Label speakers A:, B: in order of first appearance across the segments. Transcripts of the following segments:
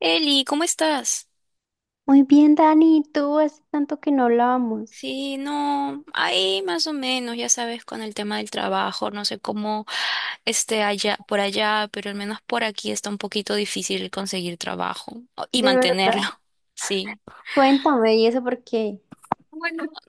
A: Eli, ¿cómo estás?
B: Muy bien, Dani, ¿y tú? Hace tanto que no hablábamos.
A: Sí, no, ahí más o menos, ya sabes, con el tema del trabajo, no sé cómo esté allá, por allá, pero al menos por aquí está un poquito difícil conseguir trabajo y
B: De verdad.
A: mantenerlo. Sí.
B: Cuéntame, ¿y eso por qué?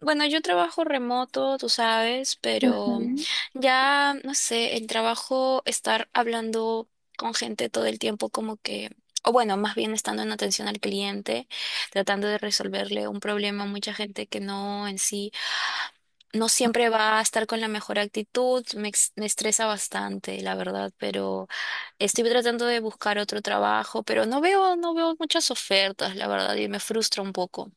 A: Bueno, yo trabajo remoto, tú sabes, pero
B: Ujú.
A: ya, no sé, el trabajo, estar hablando con gente todo el tiempo como que, o bueno, más bien estando en atención al cliente, tratando de resolverle un problema a mucha gente que no en sí, no siempre va a estar con la mejor actitud, me estresa bastante, la verdad, pero estoy tratando de buscar otro trabajo, pero no veo muchas ofertas, la verdad, y me frustra un poco.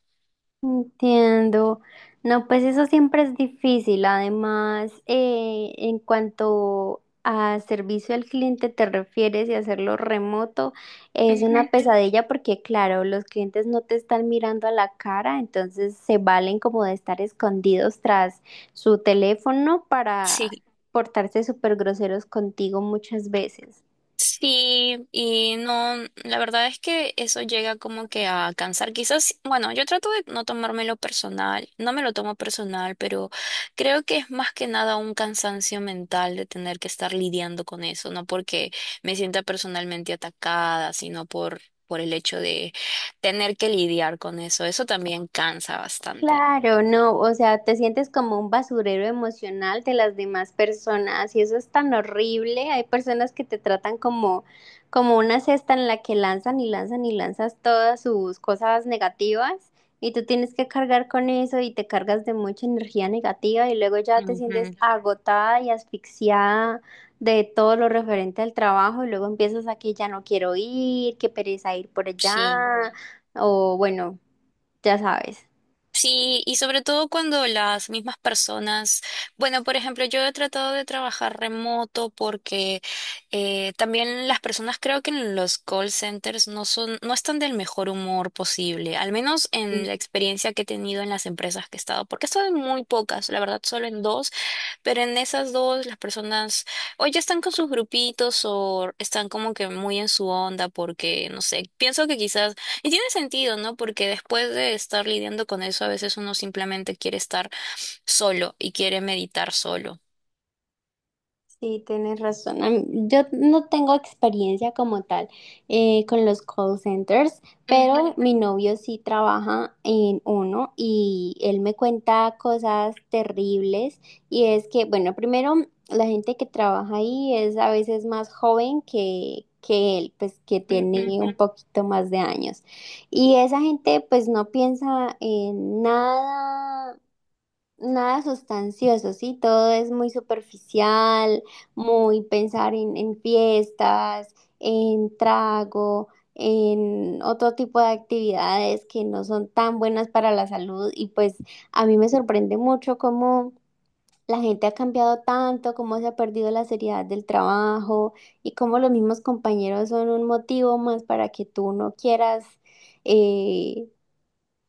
B: Entiendo. No, pues eso siempre es difícil. Además, en cuanto a servicio al cliente te refieres y hacerlo remoto, es
A: Ujú.
B: una pesadilla porque, claro, los clientes no te están mirando a la cara, entonces se valen como de estar escondidos tras su teléfono para
A: Sí.
B: portarse súper groseros contigo muchas veces.
A: Sí, y no, la verdad es que eso llega como que a cansar. Quizás, bueno, yo trato de no tomármelo personal, no me lo tomo personal, pero creo que es más que nada un cansancio mental de tener que estar lidiando con eso, no porque me sienta personalmente atacada, por el hecho de tener que lidiar con eso. Eso también cansa bastante.
B: Claro, no, o sea, te sientes como un basurero emocional de las demás personas y eso es tan horrible. Hay personas que te tratan como, como una cesta en la que lanzan y lanzan y lanzas todas sus cosas negativas, y tú tienes que cargar con eso y te cargas de mucha energía negativa, y luego ya te sientes
A: Ujú.
B: agotada y asfixiada de todo lo referente al trabajo, y luego empiezas a que ya no quiero ir, que pereza ir por
A: Sí.
B: allá, o bueno, ya sabes.
A: Sí, y sobre todo cuando las mismas personas, bueno, por ejemplo, yo he tratado de trabajar remoto porque también las personas creo que en los call centers no están del mejor humor posible, al menos en la experiencia que he tenido en las empresas que he estado, porque he estado en muy pocas, la verdad, solo en dos, pero en esas dos las personas o ya están con sus grupitos o están como que muy en su onda porque, no sé, pienso que quizás y tiene sentido, ¿no? Porque después de estar lidiando con eso, a veces uno simplemente quiere estar solo y quiere meditar solo.
B: Sí, tienes razón. Yo no tengo experiencia como tal, con los call centers,
A: Ujú,
B: pero mi novio sí trabaja en uno y él me cuenta cosas terribles. Y es que, bueno, primero, la gente que trabaja ahí es a veces más joven que él, pues que
A: ujú,
B: tiene un poquito más de años. Y esa gente pues no piensa en nada. Nada sustancioso, sí, todo es muy superficial, muy pensar en fiestas, en trago, en otro tipo de actividades que no son tan buenas para la salud, y pues a mí me sorprende mucho cómo la gente ha cambiado tanto, cómo se ha perdido la seriedad del trabajo y cómo los mismos compañeros son un motivo más para que tú no quieras, eh,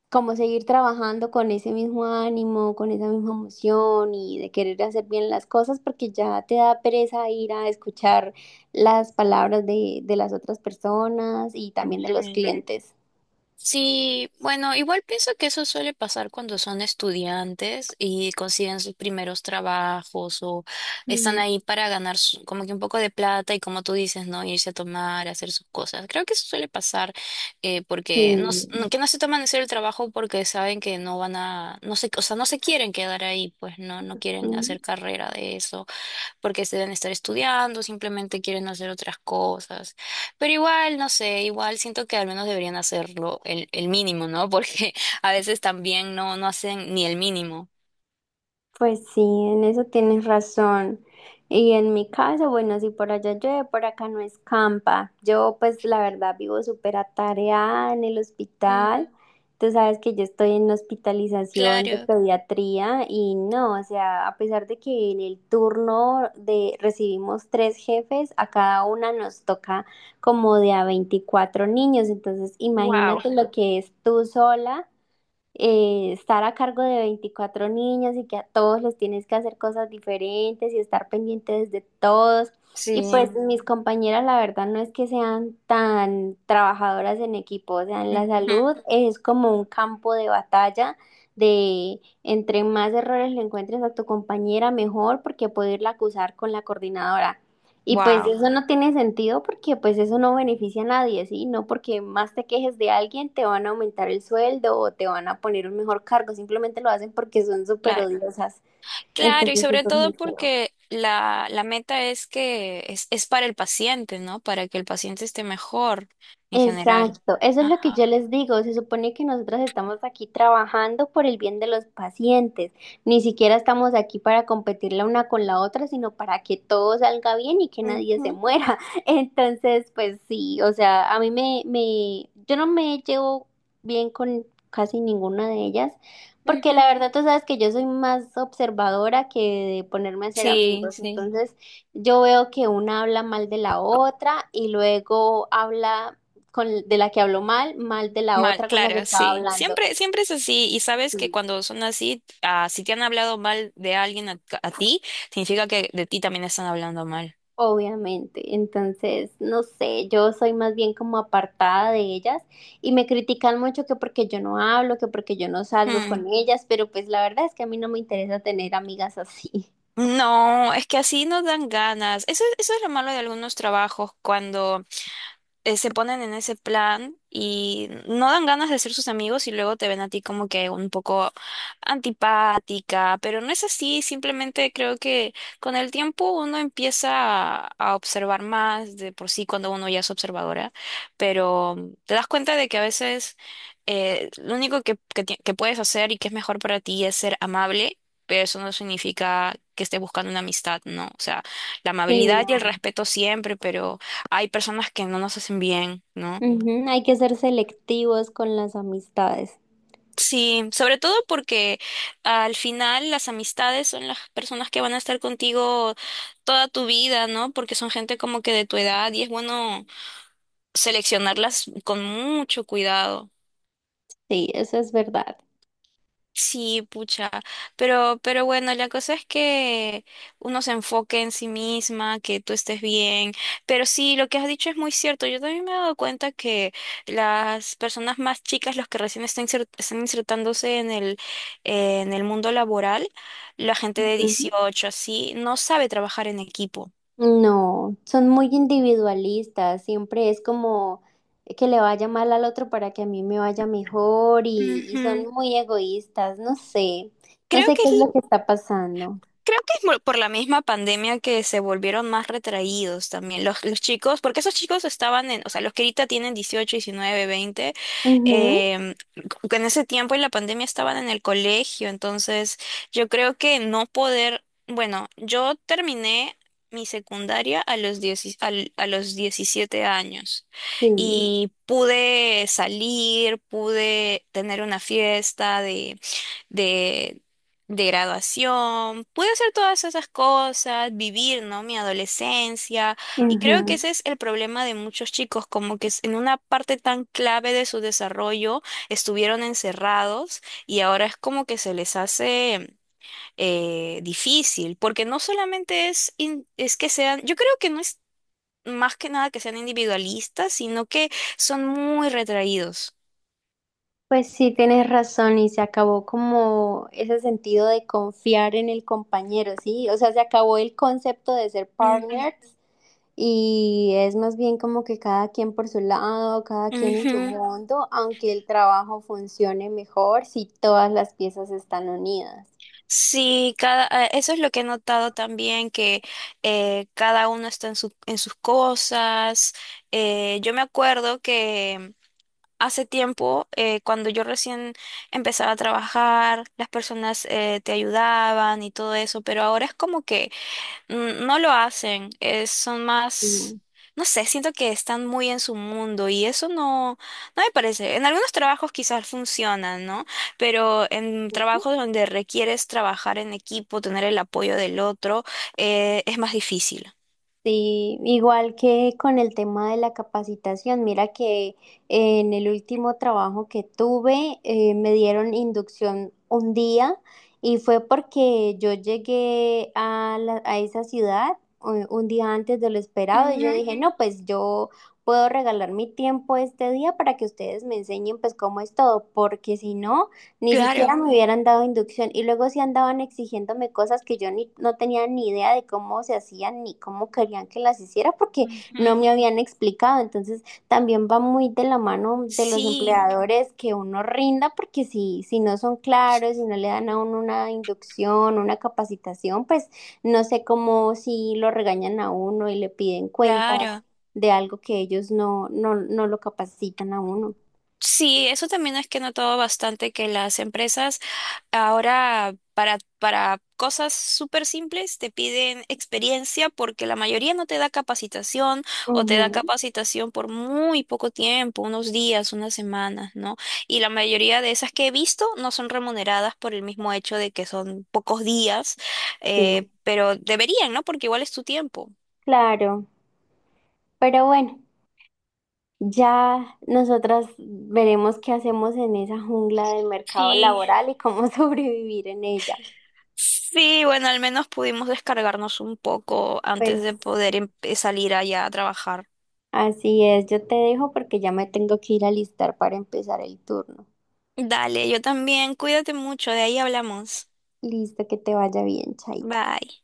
B: como seguir trabajando con ese mismo ánimo, con esa misma emoción y de querer hacer bien las cosas, porque ya te da pereza ir a escuchar las palabras de las otras personas y también de los
A: ujú.
B: clientes.
A: Sí, bueno, igual pienso que eso suele pasar cuando son estudiantes y consiguen sus primeros trabajos o están
B: Mm.
A: ahí para ganar como que un poco de plata y como tú dices, ¿no? Irse a tomar, hacer sus cosas. Creo que eso suele pasar porque
B: Sí.
A: que no se toman en serio el trabajo porque saben que no van a, no sé, o sea, no se quieren quedar ahí, pues no, no quieren hacer carrera de eso porque se deben estar estudiando, simplemente quieren hacer otras cosas. Pero igual, no sé, igual siento que al menos deberían hacerlo el mínimo, ¿no? Porque a veces también no, no hacen ni el mínimo.
B: Pues sí, en eso tienes razón. Y en mi caso, bueno, si por allá llueve, por acá no escampa. Yo pues la verdad vivo súper atareada en el
A: Mm,
B: hospital. Tú sabes que yo estoy en hospitalización de
A: claro.
B: pediatría, y no, o sea, a pesar de que en el turno de recibimos tres jefes, a cada una nos toca como de a 24 niños. Entonces,
A: Wow.
B: imagínate lo que es tú sola, estar a cargo de 24 niños y que a todos les tienes que hacer cosas diferentes y estar pendientes de todos.
A: Sí.
B: Y pues sí, mis compañeras, la verdad, no es que sean tan trabajadoras en equipo, o sea, en la
A: Ujú.
B: salud es como un campo de batalla de entre más errores le encuentres a tu compañera, mejor, porque poderla acusar con la coordinadora. Y pues
A: Wow,
B: eso no tiene sentido porque pues eso no beneficia a nadie, ¿sí? No porque más te quejes de alguien te van a aumentar el sueldo o te van a poner un mejor cargo, simplemente lo hacen porque son súper
A: claro.
B: odiosas.
A: Claro, y
B: Entonces
A: sobre
B: eso no es muy
A: todo
B: feo.
A: porque la meta es es para el paciente, ¿no? Para que el paciente esté mejor en general.
B: Exacto, eso es lo que
A: Ajá.
B: yo les digo. Se supone que nosotros estamos aquí trabajando por el bien de los pacientes. Ni siquiera estamos aquí para competir la una con la otra, sino para que todo salga bien y que nadie se
A: Ujú,
B: muera. Entonces, pues sí, o sea, a mí yo no me llevo bien con casi ninguna de ellas, porque
A: ujú.
B: la verdad tú sabes que yo soy más observadora que de ponerme a hacer
A: Sí,
B: amigos.
A: sí.
B: Entonces, yo veo que una habla mal de la otra y luego habla con, de la que habló mal, mal de la
A: Mal,
B: otra con la que
A: claro,
B: estaba
A: sí.
B: hablando.
A: Siempre, siempre es así. Y sabes que
B: Sí,
A: cuando son así, ah, si te han hablado mal de alguien a ti, significa que de ti también están hablando mal.
B: obviamente. Entonces, no sé, yo soy más bien como apartada de ellas, y me critican mucho que porque yo no hablo, que porque yo no salgo
A: Hmm.
B: con ellas, pero pues la verdad es que a mí no me interesa tener amigas así.
A: No, es que así no dan ganas. Eso es lo malo de algunos trabajos, cuando se ponen en ese plan y no dan ganas de ser sus amigos y luego te ven a ti como que un poco antipática, pero no es así, simplemente creo que con el tiempo uno empieza a observar más de por sí cuando uno ya es observadora, pero te das cuenta de que a veces lo único que puedes hacer y que es mejor para ti es ser amable. Pero eso no significa que estés buscando una amistad, ¿no? O sea, la
B: Sí,
A: amabilidad y el
B: no.
A: respeto siempre, pero hay personas que no nos hacen bien, ¿no?
B: Ujú. Hay que ser selectivos con las amistades.
A: Sí, sobre todo porque al final las amistades son las personas que van a estar contigo toda tu vida, ¿no? Porque son gente como que de tu edad y es bueno seleccionarlas con mucho cuidado.
B: Sí, eso es verdad.
A: Sí, pucha, pero bueno, la cosa es que uno se enfoque en sí misma, que tú estés bien, pero sí, lo que has dicho es muy cierto, yo también me he dado cuenta que las personas más chicas, los que recién están, están insertándose en el mundo laboral, la gente de 18 así, no sabe trabajar en equipo.
B: No, son muy individualistas, siempre es como que le vaya mal al otro para que a mí me vaya mejor y son
A: Ujú.
B: muy egoístas, no sé, no
A: Creo
B: sé
A: que
B: qué
A: es
B: es lo que está pasando.
A: Creo que es por la misma pandemia que se volvieron más retraídos también los chicos, porque esos chicos estaban en, o sea, los que ahorita tienen 18 19 20
B: Ujú,
A: en ese tiempo en la pandemia estaban en el colegio, entonces yo creo que no poder, bueno, yo terminé mi secundaria a los, a los 17 años
B: sí,
A: y pude salir, pude tener una fiesta de, de graduación, pude hacer todas esas cosas, vivir, ¿no? Mi adolescencia. Y creo que
B: ujú.
A: ese es el problema de muchos chicos, como que en una parte tan clave de su desarrollo estuvieron encerrados y ahora es como que se les hace difícil, porque no solamente es que sean, yo creo que no es más que nada que sean individualistas, sino que son muy retraídos.
B: Pues sí, tienes razón, y se acabó como ese sentido de confiar en el compañero, ¿sí? O sea, se acabó el concepto de ser
A: Ujú,
B: partners. Y es más bien como que cada quien por su lado, cada quien en su
A: ujú.
B: mundo, aunque el trabajo funcione mejor si todas las piezas están unidas.
A: Sí, cada, eso es lo que he notado también, que cada uno está en en sus cosas. Yo me acuerdo que hace tiempo, cuando yo recién empezaba a trabajar, las personas te ayudaban y todo eso, pero ahora es como que mm, no lo hacen, son
B: Mm.
A: más, no sé, siento que están muy en su mundo y eso no, no me parece. En algunos trabajos quizás funcionan, ¿no? Pero en trabajos donde requieres trabajar en equipo, tener el apoyo del otro, es más difícil.
B: Sí, igual que con el tema de la capacitación, mira que en el último trabajo que tuve, me dieron inducción un día, y fue porque yo llegué a, a esa ciudad un día antes de lo esperado, y yo
A: Ujú.
B: dije, no, pues yo puedo regalar mi tiempo este día para que ustedes me enseñen pues cómo es todo, porque si no, ni siquiera
A: Claro.
B: me hubieran dado inducción, y luego sí andaban exigiéndome cosas que yo ni, no tenía ni idea de cómo se hacían ni cómo querían que las hiciera porque no
A: Ujú.
B: me habían explicado. Entonces también va muy de la mano de los
A: Sí,
B: empleadores que uno rinda porque si no son claros, si no le dan a uno una inducción, una capacitación, pues no sé cómo, si lo regañan a uno y le piden cuentas
A: claro.
B: de algo que ellos no lo capacitan a uno.
A: Sí, eso también es que he notado bastante que las empresas ahora, para cosas súper simples, te piden experiencia porque la mayoría no te da capacitación o te da
B: Ujú,
A: capacitación por muy poco tiempo, unos días, unas semanas, ¿no? Y la mayoría de esas que he visto no son remuneradas por el mismo hecho de que son pocos días,
B: sí,
A: pero deberían, ¿no? Porque igual es tu tiempo.
B: claro. Pero bueno, ya nosotras veremos qué hacemos en esa jungla del mercado
A: Sí.
B: laboral y cómo sobrevivir en ella.
A: Sí, bueno, al menos pudimos descargarnos un poco
B: Pues
A: antes de poder salir allá a trabajar.
B: así es, yo te dejo porque ya me tengo que ir a alistar para empezar el turno.
A: Dale, yo también. Cuídate mucho, de ahí hablamos.
B: Listo, que te vaya bien, Chaito.
A: Bye.